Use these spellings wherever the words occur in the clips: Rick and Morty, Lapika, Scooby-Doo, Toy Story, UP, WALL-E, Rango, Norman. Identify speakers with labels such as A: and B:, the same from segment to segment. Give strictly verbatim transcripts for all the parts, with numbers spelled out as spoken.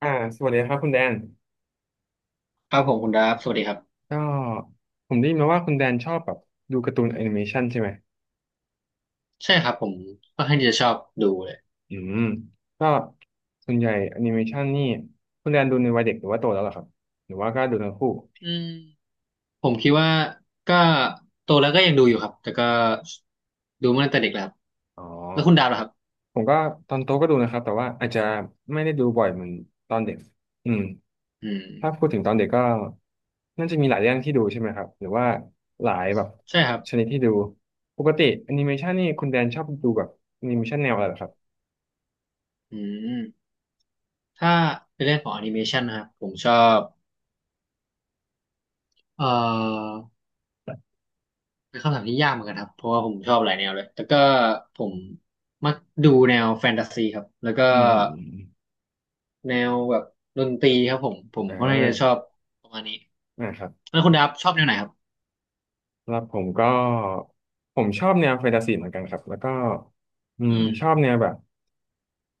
A: อ่าสวัสดีครับคุณแดน
B: ครับผมคุณดาฟสวัสดีครับ
A: ก็ผมได้ยินมาว่าคุณแดนชอบแบบดูการ์ตูนแอนิเมชันใช่ไหม
B: ใช่ครับผมก็ค่อนข้างที่จะชอบดูเลย
A: อืมก็ส่วนใหญ่แอนิเมชันนี่คุณแดนดูในวัยเด็กหรือว่าโตแล้วเหรอครับหรือว่าก็ดูทั้งคู่
B: อืมผมคิดว่าก็โตแล้วก็ยังดูอยู่ครับแต่ก็ดูมาตั้งแต่เด็กแล้วครับ
A: อ๋อ
B: แล้วคุณดาฟล่ะครับ
A: ผมก็ตอนโตก็ดูนะครับแต่ว่าอาจจะไม่ได้ดูบ่อยเหมือนตอนเด็ก อืม
B: อืม
A: ถ้าพูดถึงตอนเด็กก็น่าจะมีหลายเรื่องที่ดูใช่ไหมครับหรือว่าหลายแบบ
B: ใช่ครับ
A: ชนิดที่ดูปกติแอนิเมชันนี่คุณแดนชอบดูแบบแอนิเมชันแนวอะไรเหรอครับ
B: อืมถ้าเป็นเรื่องของแอนิเมชันนะครับผมชอบเอ่อเป็นคำถามที่ยากเหมือนกันครับเพราะว่าผมชอบหลายแนวเลยแต่ก็ผมมักดูแนวแฟนตาซีครับแล้วก็
A: อืม
B: แนวแบบดนตรีครับผมผม
A: อ่
B: ค่อนข้างที่จะชอบ
A: า
B: ประมาณนี้
A: นะครับ
B: แล้วคุณดาฟชอบแนวไหนครับ
A: แล้วผมก็ ผมชอบแนวแฟนตาซีเหมือนกันครับแล้วก็อื
B: อื
A: ม
B: ม
A: ชอบแนวแบบ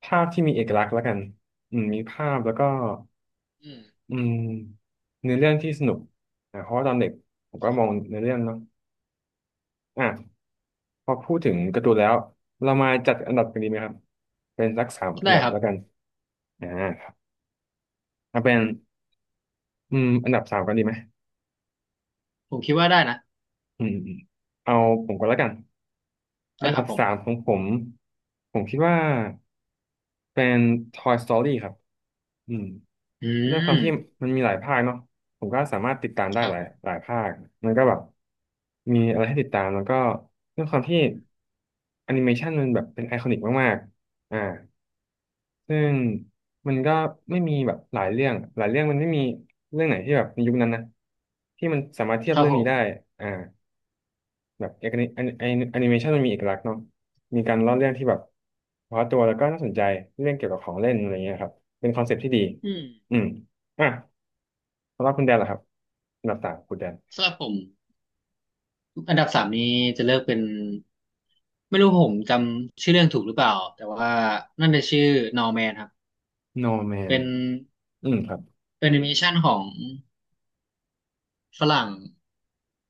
A: ภาพที่มีเอกลักษณ์แล้วกันอืมมีภาพแล้วก็
B: อืม
A: อืมเนื้อเรื่องที่สนุกอ่าเพราะว่าตอนเด็กผมก็
B: ครับ
A: มอง
B: ผม
A: เนื้อเรื่องเนาะอ่ะพอพูดถึงการ์ตูนแล้ว เรามาจัดอันดับกันดีไหมครับเป็นสักสามอัน
B: ได้
A: ดับ
B: ครับ
A: แล้วกันอ่าครับเอาเป็นอืมอันดับสามกันดีไหม
B: ผมคิดว่าได้นะ
A: อืมอืมเอาผมก่อนแล้วกัน
B: ได้
A: อัน
B: ครั
A: ดั
B: บ
A: บ
B: ผ
A: สาม
B: ม
A: ของผมผมคิดว่า เป็น Toy Story ครับอืม
B: อื
A: เรื่องควา
B: ม
A: มที่มันมีหลายภาคเนาะผมก็สามารถติดตาม
B: ค
A: ได้
B: รั
A: ห
B: บ
A: ลา
B: ผ
A: ย
B: ม
A: หลายภาค มันก็แบบมีอะไรให้ติดตามแล้วก็เรื่องความที่แอนิเมชันมันแบบเป็นไอคอนิกมากๆอ่าซึ่งมันก็ไม่มีแบบหลายเรื่องหลายเรื่องมันไม่มีเรื่องไหนที่แบบในยุคนั้นนะที่มันสามารถเทีย
B: ค
A: บ
B: รับ
A: เรื่อ
B: ผ
A: งนี้ได้
B: ม
A: อ่า แบบเอกนิแอนิเมชันมันมีเอกลักษณ์เนาะมีการเล่าเรื่องที่แบบเฉพาะตัวแล้วก็น่าสนใจเรื่องเกี่ยวกับของเล่นอะไรเงี้ยครับเป็นคอนเซ็ปต์ที่ดี
B: อืม
A: อืมอ่ะสำหรับคุณแดนเหรอครับอันดับสามคุณแดน
B: สำหรับผมอันดับสามนี้จะเลือกเป็น ไม่รู้ผมจำชื่อเรื่องถูกหรือเปล่า แต่ว่านั่นจะชื่อ Norman ครับ
A: No Man
B: เป็น
A: อืมครับ
B: เป็นแอนิเมชันของฝรั่ง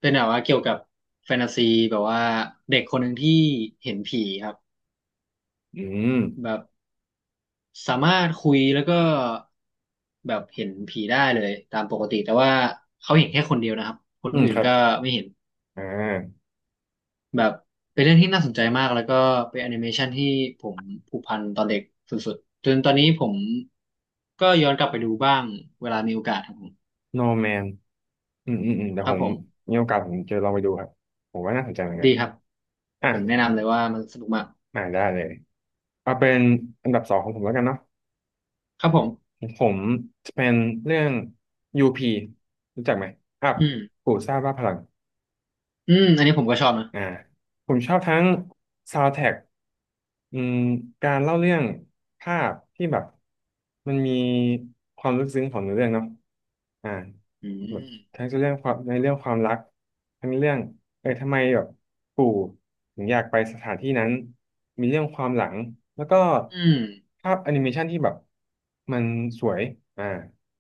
B: เป็นแบบว่าเกี่ยวกับแฟนตาซีแบบว่าเด็กคนหนึ่งที่เห็นผีครับ
A: อืม
B: แบบ สามารถคุยแล้วก็แบบเห็นผีได้เลยตามปกติแต่ว่าเขาเห็นแค่คนเดียวนะครับคน
A: อืม
B: อื่
A: ค
B: น
A: รับ
B: ก็ไม่เห็น
A: อ่า
B: แบบเป็นเรื่องที่น่าสนใจมากแล้วก็เป็นแอนิเมชันที่ผมผูกพันตอนเด็กสุดๆจนตอนนี้ผมก็ย้อนกลับไปดูบ้างเวลามีโอกาสครับผม
A: No Man อืมอืมอืมเดี๋ย
B: ค
A: ว
B: รั
A: ผ
B: บ
A: ม
B: ผม
A: มีโอกาสผมจะลองไปดูครับผมว่าน่าสนใจเหมือนกั
B: ดี
A: น
B: ครับ
A: อ่ะ
B: ผมแนะนำเลยว่ามันสนุกมาก
A: อ่าได้เลยเอาเป็นอันดับสองของผมแล้วกันเนาะ
B: ครับผม
A: ผมจะเป็นเรื่อง ยู พี รู้จักไหมอัพ
B: อืม
A: กูซ่าบ้าพลัง
B: อืมอันนี้ผมก็ชอบนะ
A: อ่าผมชอบทั้งซาว เอ็น ดี ที ท เอ ซี เค อืมการเล่าเรื่องภาพที่แบบมันมีความลึกซึ้งของเนื้อเรื่องเนาะอ่า
B: อื
A: แบบ
B: ม
A: ทั้งเรื่องความในเรื่องความรักทั้งเรื่องเออทำไมแบบปู่ถึงอยากไปสถานที่นั้นมีเรื่องความหลังแล้วก็
B: อืม
A: ภาพแอนิเมชันที่แบบมันสวยอ่า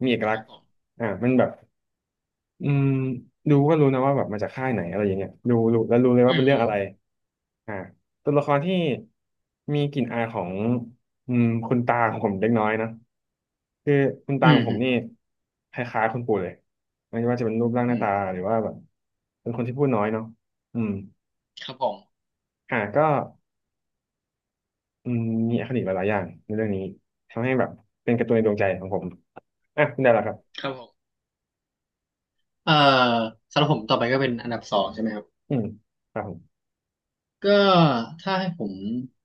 A: มีเอก
B: ค
A: ลัก
B: รั
A: ษ
B: บ
A: ณ์
B: ผม
A: อ่ามันแบบ อืมดูก็รู้นะว่าแบบมาจากค่ายไหนอะไรอย่างเงี้ยดูรู้แล้วรู้เลย
B: อื
A: ว่า
B: ม
A: เป็น
B: อื
A: เรื่อง
B: ม
A: อะไรอ่าตัวละครที่มีกลิ่นอายของอืมคุณตาของผมเล็กน้อยนะคือคุณ
B: อื
A: ตาขอ
B: ม
A: งผมนี่คล้ายๆคุณปู่เลยไม่ว่าจะเป็นรูปร่างห
B: อื
A: น้า
B: ม
A: ตาหรือว่าแบบเป็นคนที่พูดน้อยเนาะอืม
B: ครับผม
A: อ่าก็อืมมีอคติหลายๆอย่างในเรื่องนี้ทำให้แบบเป็นการ์ตูนในดวงใจของผมอ่ะคุณได้แล้วครับ
B: ครับผม เอ่อสำหรับผมต่อไปก็เป็นอันดับสองใช่ไหมครับ
A: อืมครับผม
B: ก็ถ้าให้ผม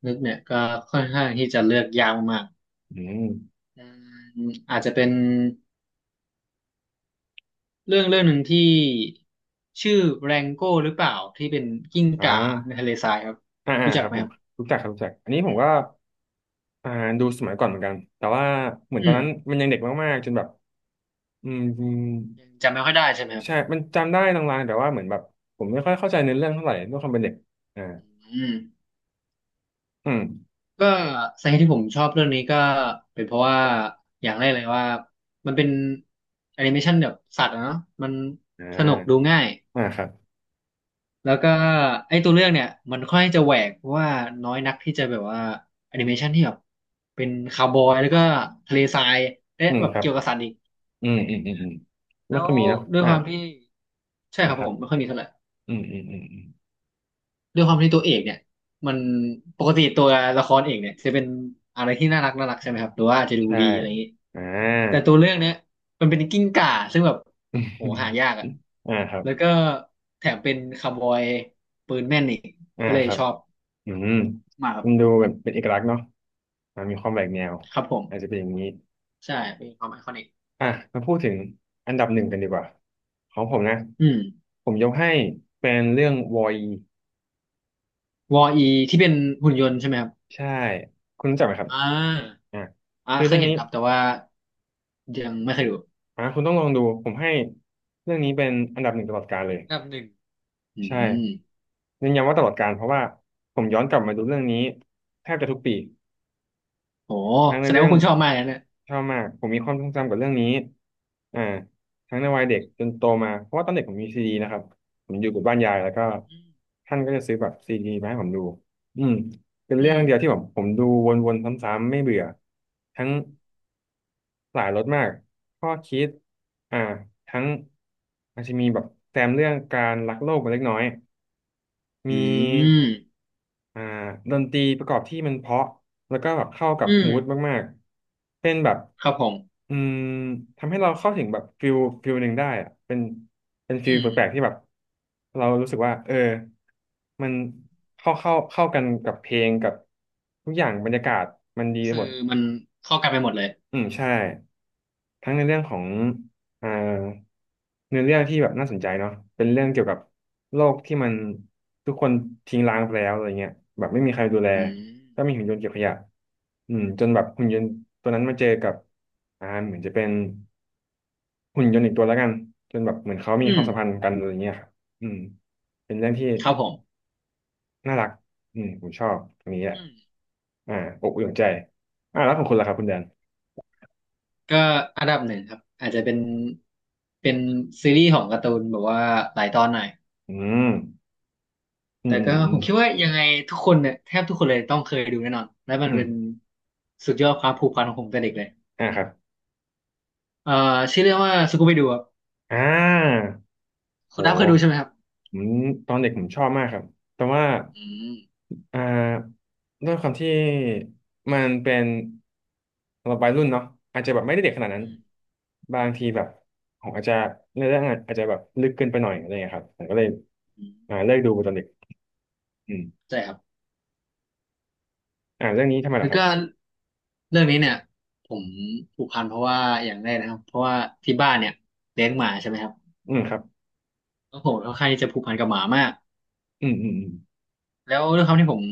B: นึกเนี่ยก็ค่อนข้างที่จะเลือกยากมาก
A: อืม
B: ๆอืมอาจจะเป็นเรื่องเรื่องหนึ่งที่ชื่อแรงโก้หรือเปล่าที่เป็นกิ้ง
A: อ่า
B: ก่าในทะเลทรายครับ
A: อ่าอ่า
B: รู้จั
A: ค
B: ก
A: รั
B: ไห
A: บ
B: ม
A: ผ
B: ค
A: ม
B: รับ
A: รู้จักครับรู้จักอันนี้ผ
B: อื
A: ม
B: ม
A: ก็อ่าดูสมัยก่อนเหมือนกันแต่ว่าเหมือนตอ
B: อื
A: น
B: ม
A: นั้นมันยังเด็กมากๆจนแบบอืม
B: ยังจำไม่ค่อยได้ใช่ไหมครับ
A: ใช่มันจำได้ลางๆแต่ว่าเหมือนแบบผมไม่ค่อยเข้าใจเนื้อเรื่องเท่าไหร่ด้วยความเป็นเด็กอ่า
B: อืม
A: อืม
B: ก็สาเหตุที่ผมชอบเรื่องนี้ก็เป็นเพราะว่าอย่างแรกเลยว่ามันเป็นแอนิเมชันแบบสัตว์อะเนาะมัน
A: อ่
B: สนุกดู
A: า
B: ง่าย
A: อ่าครับ
B: แล้วก็ไอ้ตัวเรื่องเนี่ยมันค่อนข้างจะแหวกเพราะว่าน้อยนักที่จะแบบว่าแอนิเมชันที่แบบเป็นคาวบอยแล้วก็ทะเลทรายและ
A: อืม
B: แบบ
A: ครับ
B: เกี่ยวกับสัตว์อีก
A: อืมอืมอืมอืมไม่
B: แล้ว
A: ค่อยมีเนาะ
B: ด้วย
A: อ่า
B: ความที่ใช่ค
A: นะ
B: รับ
A: ครั
B: ผ
A: บ
B: มไม่ค่อยมีเท่าไหร่
A: อืมอืมอืมอืม
B: ด้วยความที่ตัวเอกเนี่ยมันปกติตัวละครเอกเนี่ยจะเป็นอะไรที่น่ารักน่ารักใช่ไหมครับหรือว่าอาจจะดู
A: ใช่
B: ดีอะไรอย่างนี้
A: อ่
B: แต่
A: า
B: ตัวเรื่องเนี้ยมันเป็นกิ้งก่าซึ่งแบบโหหายากอ่ะ
A: อ่าครั
B: แล้ว
A: บ
B: ก็แถมเป็นคาวบอยปืนแม่นอีก
A: อ่า
B: ก็เลย
A: ครั
B: ช
A: บ
B: อบ
A: อืม
B: มากครับ
A: มันดูแบบเป็นเอกลักษณ์เนาะอ่ามีความแหวกแนว
B: ครับผม
A: อาจจะเป็นอย่างนี้
B: ใช่เป็นความไอคอนิก
A: อ่ะมาพูดถึงอันดับหนึ่งกันดีกว่าของผมนะ
B: อืม
A: ผมยกให้เป็นเรื่องวอย
B: วออีที่เป็นหุ่นยนต์ใช่ไหมครับ
A: ใช่คุณรู้จักไหมครับ
B: อ่า
A: อ่ะ
B: อ่า
A: คือ
B: เค
A: เรื่
B: ย
A: อง
B: เห็น
A: นี้
B: ครับแต่ว่ายังไม่เคยดู
A: อ่ะคุณต้องลองดูผมให้เรื่องนี้เป็นอันดับหนึ่งตลอดกาลเลย
B: อันดับหนึ่งอื
A: ใช่
B: ม
A: ยืนยันว่าตลอดกาลเพราะว่าผมย้อนกลับมาดูเรื่องนี้แทบจะทุกปี
B: โห
A: ทั้งใน
B: แสดง
A: เรื่อ
B: ว่า
A: ง
B: คุณชอบมากนะเนี่ย
A: ชอบมากผมมีความทรงจำกับเรื่องนี้อ่าทั้งในวัยเด็กจนโตมาเพราะว่าตอนเด็กผมมีซีดีนะครับผมอยู่กับบ้านยายแล้วก็
B: อืม
A: ท่านก็จะซื้อแบบซีดีมาให้ผมดูอืมเป็น
B: อื
A: เรื่อ
B: ม
A: งเดียวที่ผมผมดูวนๆซ้ำๆไม่เบื่อทั้งหลายรสมากข้อคิดอ่าทั้งอาจจะมีแบบแซมเรื่องการรักโลกไปเล็กน้อย มี
B: อืม
A: อ่าดนตรีประกอบที่มันเพราะแล้วก็แบบเข้ากับ
B: อืม
A: มูดมากๆเป็นแบบ
B: ครับผม
A: อืมทำให้เราเข้าถึงแบบฟิลฟิลหนึ่งได้อะเป็นเป็นฟิล
B: อืม
A: แปลกๆที่แบบเรารู้สึกว่าเออมันเข้าเข้าเข้ากันกับเพลงกับทุกอย่างบรรยากาศมันดี
B: ก็
A: ไป
B: คือ
A: หมด
B: มันเข้ากันไปหมดเลย
A: อืมใช่ ทั้งในเรื่องของอ่าเนื้อเรื่องที่แบบน่าสนใจเนาะเป็นเรื่องเกี่ยวกับโลกที่มันทุกคนทิ้งร้างไปแล้วอะไรเงี้ยแบบไม่มีใครดูแล
B: อืม
A: ก็มีหุ่นยนต์เก็บขยะอืมจนแบบหุ่นยนต์ตัวนั้นมาเจอกับอ่าเหมือนจะเป็นหุ่นยนต์อีกตัวแล้วกันจนแบบเหมือนเขามี
B: อื
A: ค
B: ม
A: วามสัมพันธ์กันอะไรเงี้ยครับอืมเป็นเรื่องที่
B: ครับผม
A: น่ารักอืมผมชอบตรงนี้แหละ
B: อืม
A: อ่าอบอุ่นใจอ่าแล้วของคุณล่ะครับคุณแดน
B: ก็อันดับหนึ่งครับอาจจะเป็นเป็นซีรีส์ของการ์ตูนแบบว่าหลายตอนหน่อย
A: อืมอื
B: แต่
A: มอื
B: ก็
A: มอื
B: ผ
A: ม
B: มคิดว่ายังไงทุกคนเนี่ยแทบทุกคนเลยต้องเคยดูแน่นอนและมั
A: อื
B: น
A: ม
B: เป็นสุดยอดความผูกพันของผมแต่เด็กเลย
A: อ่าครับ
B: เอ่อชื่อเรื่องว่าสกูไปดูครับ
A: อ่า
B: คุณน้ำเคยดู
A: โห
B: ใช่ไหมครับ
A: ผมตอนเด็กผมชอบมากครับ แต่ว่า
B: อืม
A: อ่าด้วยความที่มันเป็นสำหรับวัยรุ่นเนาะอาจจะแบบไม่ได้เด็กขนาดนั้น
B: อืม
A: บางทีแบบผมอาจจะเนื้อเรื่องอาจจะแบบลึกเกินไปหน่อยอะไรเงี้ยครับผมก็เลย
B: อื
A: อ่า
B: ม
A: เลิกดูตอนเด็กอืม
B: ใช่ครับ
A: อ่าเรื่องนี้ทำไม
B: แล้
A: ล่ะ
B: ว
A: ครั
B: ก็
A: บ
B: เรื่องนี้เนี่ยผมผูกพันเพราะว่าอย่างแรกนะครับเพราะว่าที่บ้านเนี่ยเลี้ยงหมาใช่ไหมครับ
A: อืมครับ
B: แล้วผมค่อนข้างที่จะผูกพันกับหมามาก
A: อืมอืมอืม
B: แล้วด้วยความที่ผม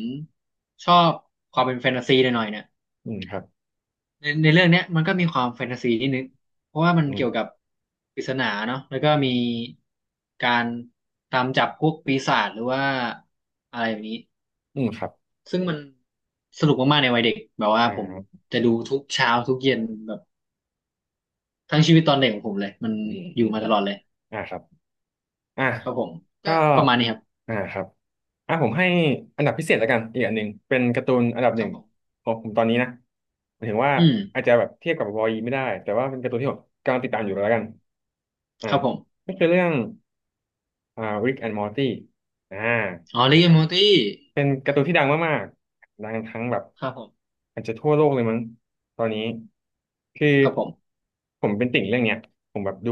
B: ชอบความเป็นแฟนตาซีหน่อยๆเนี่ย
A: อืมครับ
B: ในในเรื่องเนี้ยมันก็มีความแฟนตาซีนิดนึงเพราะว่ามัน
A: อืม
B: เกี่ยวกับปริศนาเนาะแล้วก็มีการตามจับพวกปีศาจหรือว่าอะไรแบบนี้
A: อืมครับ
B: ซึ่งมันสนุกมากๆในวัยเด็กแบบว่า
A: อ
B: ผม
A: ่า
B: จะดูทุกเช้าทุกเย็นแบบทั้งชีวิตตอนเด็กของผมเลยมัน
A: อืม
B: อ
A: อื
B: ยู่
A: ม
B: มาต
A: อืม
B: ลอดเลย
A: อ่าครับ อ่ะ
B: ครับผม
A: ก็
B: ก็ประมาณนี้ครับ
A: อ่าครับอ่ะผมให้อันดับพิเศษแล้วกันอีกอันหนึ่งเป็นการ์ตูนอันดับห
B: ครั
A: นึ่
B: บ
A: ง
B: ผม
A: ของผมตอนนี้นะหมายถึงว่า
B: อืม
A: อาจจะแบบเทียบกับวอล e ไม่ได้แต่ว่าเป็นการ์ตูนที่ผมกำลังติดตามอยู่แล้วกันอ่า
B: ครับผม
A: ก็คือเรื่องอ่าริกแอนด์มอร์ตี้อ่า
B: อ๋อริกแอนด์มอร์ตี้
A: เป็นการ์ตูนที่ดังมากๆดังทั้งแบบ
B: ครับผม
A: อาจจะทั่วโลกเลยมั้งตอนนี้คือ
B: ครับผม
A: ผมเป็นติ่งเรื่องเนี้ยผมแบบดู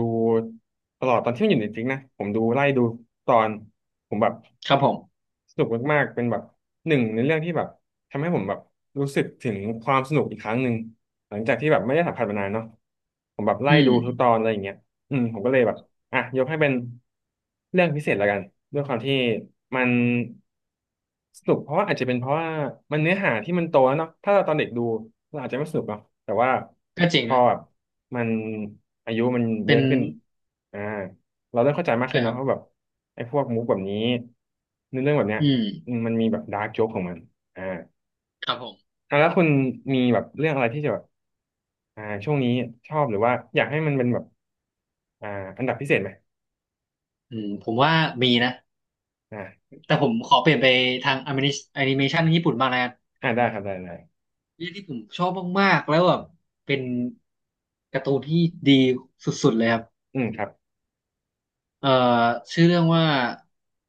A: ตลอดตอนที่มันอยู่ในจริงนะผมดูไล่ดูตอนผมแบบ
B: ครับผม
A: สนุกมากๆเป็นแบบหนึ่งในเรื่องที่แบบทำให้ผมแบบรู้สึกถึงความสนุกอีกครั้งหนึ่งหลังจากที่แบบไม่ได้สัมผัสมานานเนาะผมแบบไล่
B: อืม
A: ดูทุกตอนอะไรอย่างเงี้ยอืมผมก็เลยแบบ อ่ะยกให้เป็นเรื่องพิเศษละกันด้วยความที่มันสนุกเพราะว่าอาจจะเป็นเพราะว่ามันเนื้อหาที่มันโตแล้วเนาะถ้าเราตอนเด็กดูเราอาจจะไม่สนุกเนาะแต่ว่า
B: ก็เจ๋ง
A: พอ
B: นะ
A: แบบมันอายุมันเย
B: เป็น
A: อะขึ้นอ่าเราเริ่มเข้าใจมาก
B: ใช่
A: ขึ้น
B: ครั
A: เนาะ
B: บ
A: ว่าแบบไอ้พวกมุกแบบนี้เนื้อเรื่องแบบเนี้ย
B: อืม
A: อืมมันมีแบบดาร์กโจ๊กของมันอ่า
B: ครับผม
A: อ่ะแล้วคุณมีแบบเรื่องอะไรที่จะแบบอ่าช่วงนี้ชอบหรือว่าอยากให้มันเป็นแบบอ่าอันดับพิเศษไหม
B: อืมผมว่ามีนะแต่ผมขอเปลี่ยนไปทางแอนิเมชันญี่ปุ่นบ้างนะ
A: อ่าได้ครับได้ได้
B: เรื่องที่ผมชอบมากๆแล้วแบบเป็นการ์ตูนที่ดีสุดๆเลยครับ
A: อืมครับ
B: เอ่อชื่อเรื่องว่า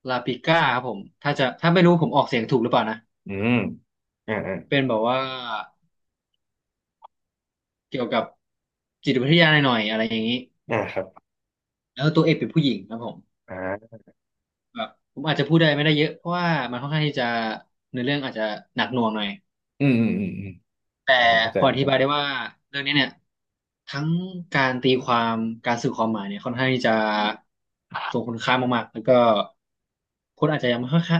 B: ลาปิก้าครับผมถ้าจะถ้าไม่รู้ผมออกเสียงถูกหรือเปล่านะ
A: อืมอ่าอ่า
B: เป็นแบบว่าเกี่ยวกับจิตวิทยาหน่อยๆอะไรอย่างนี้
A: อ่าครับ
B: แล้วตัวเอกเป็นผู้หญิงครับผม
A: อ่า
B: แบบผมอาจจะพูดได้ไม่ได้เยอะเพราะว่ามันค่อนข้างที่จะเนื้อเรื่องอาจจะหนักหน่วงหน่อย
A: อืมอืมอืมอืม
B: แต่
A: อ่าผมเข้าใจ
B: พอ
A: ผ
B: อ
A: ม
B: ธิ
A: เข้า
B: บาย
A: ใจ
B: ได้ว่าเรื่องนี้เนี่ย ทั้งการตีความการสื่อความหมายเนี่ยค่อนข้างที่จะทรงคุณค่ามากๆ แล้วก็คนอาจจะยังไม่ค่อยค่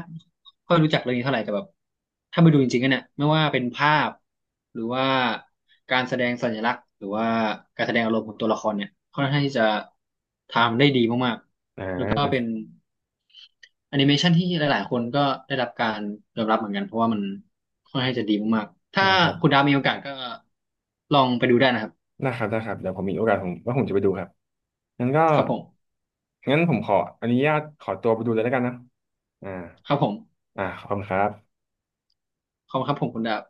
B: อย่รู้จักเรื่องนี้เท่าไหร่แต่แบบถ้าไปดูจริงๆกันเนี่ยไม่ว่าเป็นภาพหรือว่าการแสดงสัญลักษณ์หรือว่าการแสดงอารมณ์ของตัวละครเนี่ยค่อนข้างที่จะทำได้ดีมาก
A: อ่
B: ๆแล้วก็เป็
A: า
B: นแอนิเมชันที่หลายๆคนก็ได้รับการยอมรับเหมือนกันเพราะว่ามันค่อนข้างจะดีมากๆถ้า
A: อ่าครับ
B: คุณดาวมีโอกาสก็ลองไปดูได้นะครับ
A: ได้ครับได้ครับเดี๋ยวผมมีโอกาสผมว่าผมจะไปดูครับงั้นก็
B: ครับผม
A: งั้นผมขออนุญาตขอตัวไปดูเลยแล้วกันนะอ่า
B: ครับผม
A: อ่าขอบคุณครับ
B: ขอบคุณครับผมคุณดาบ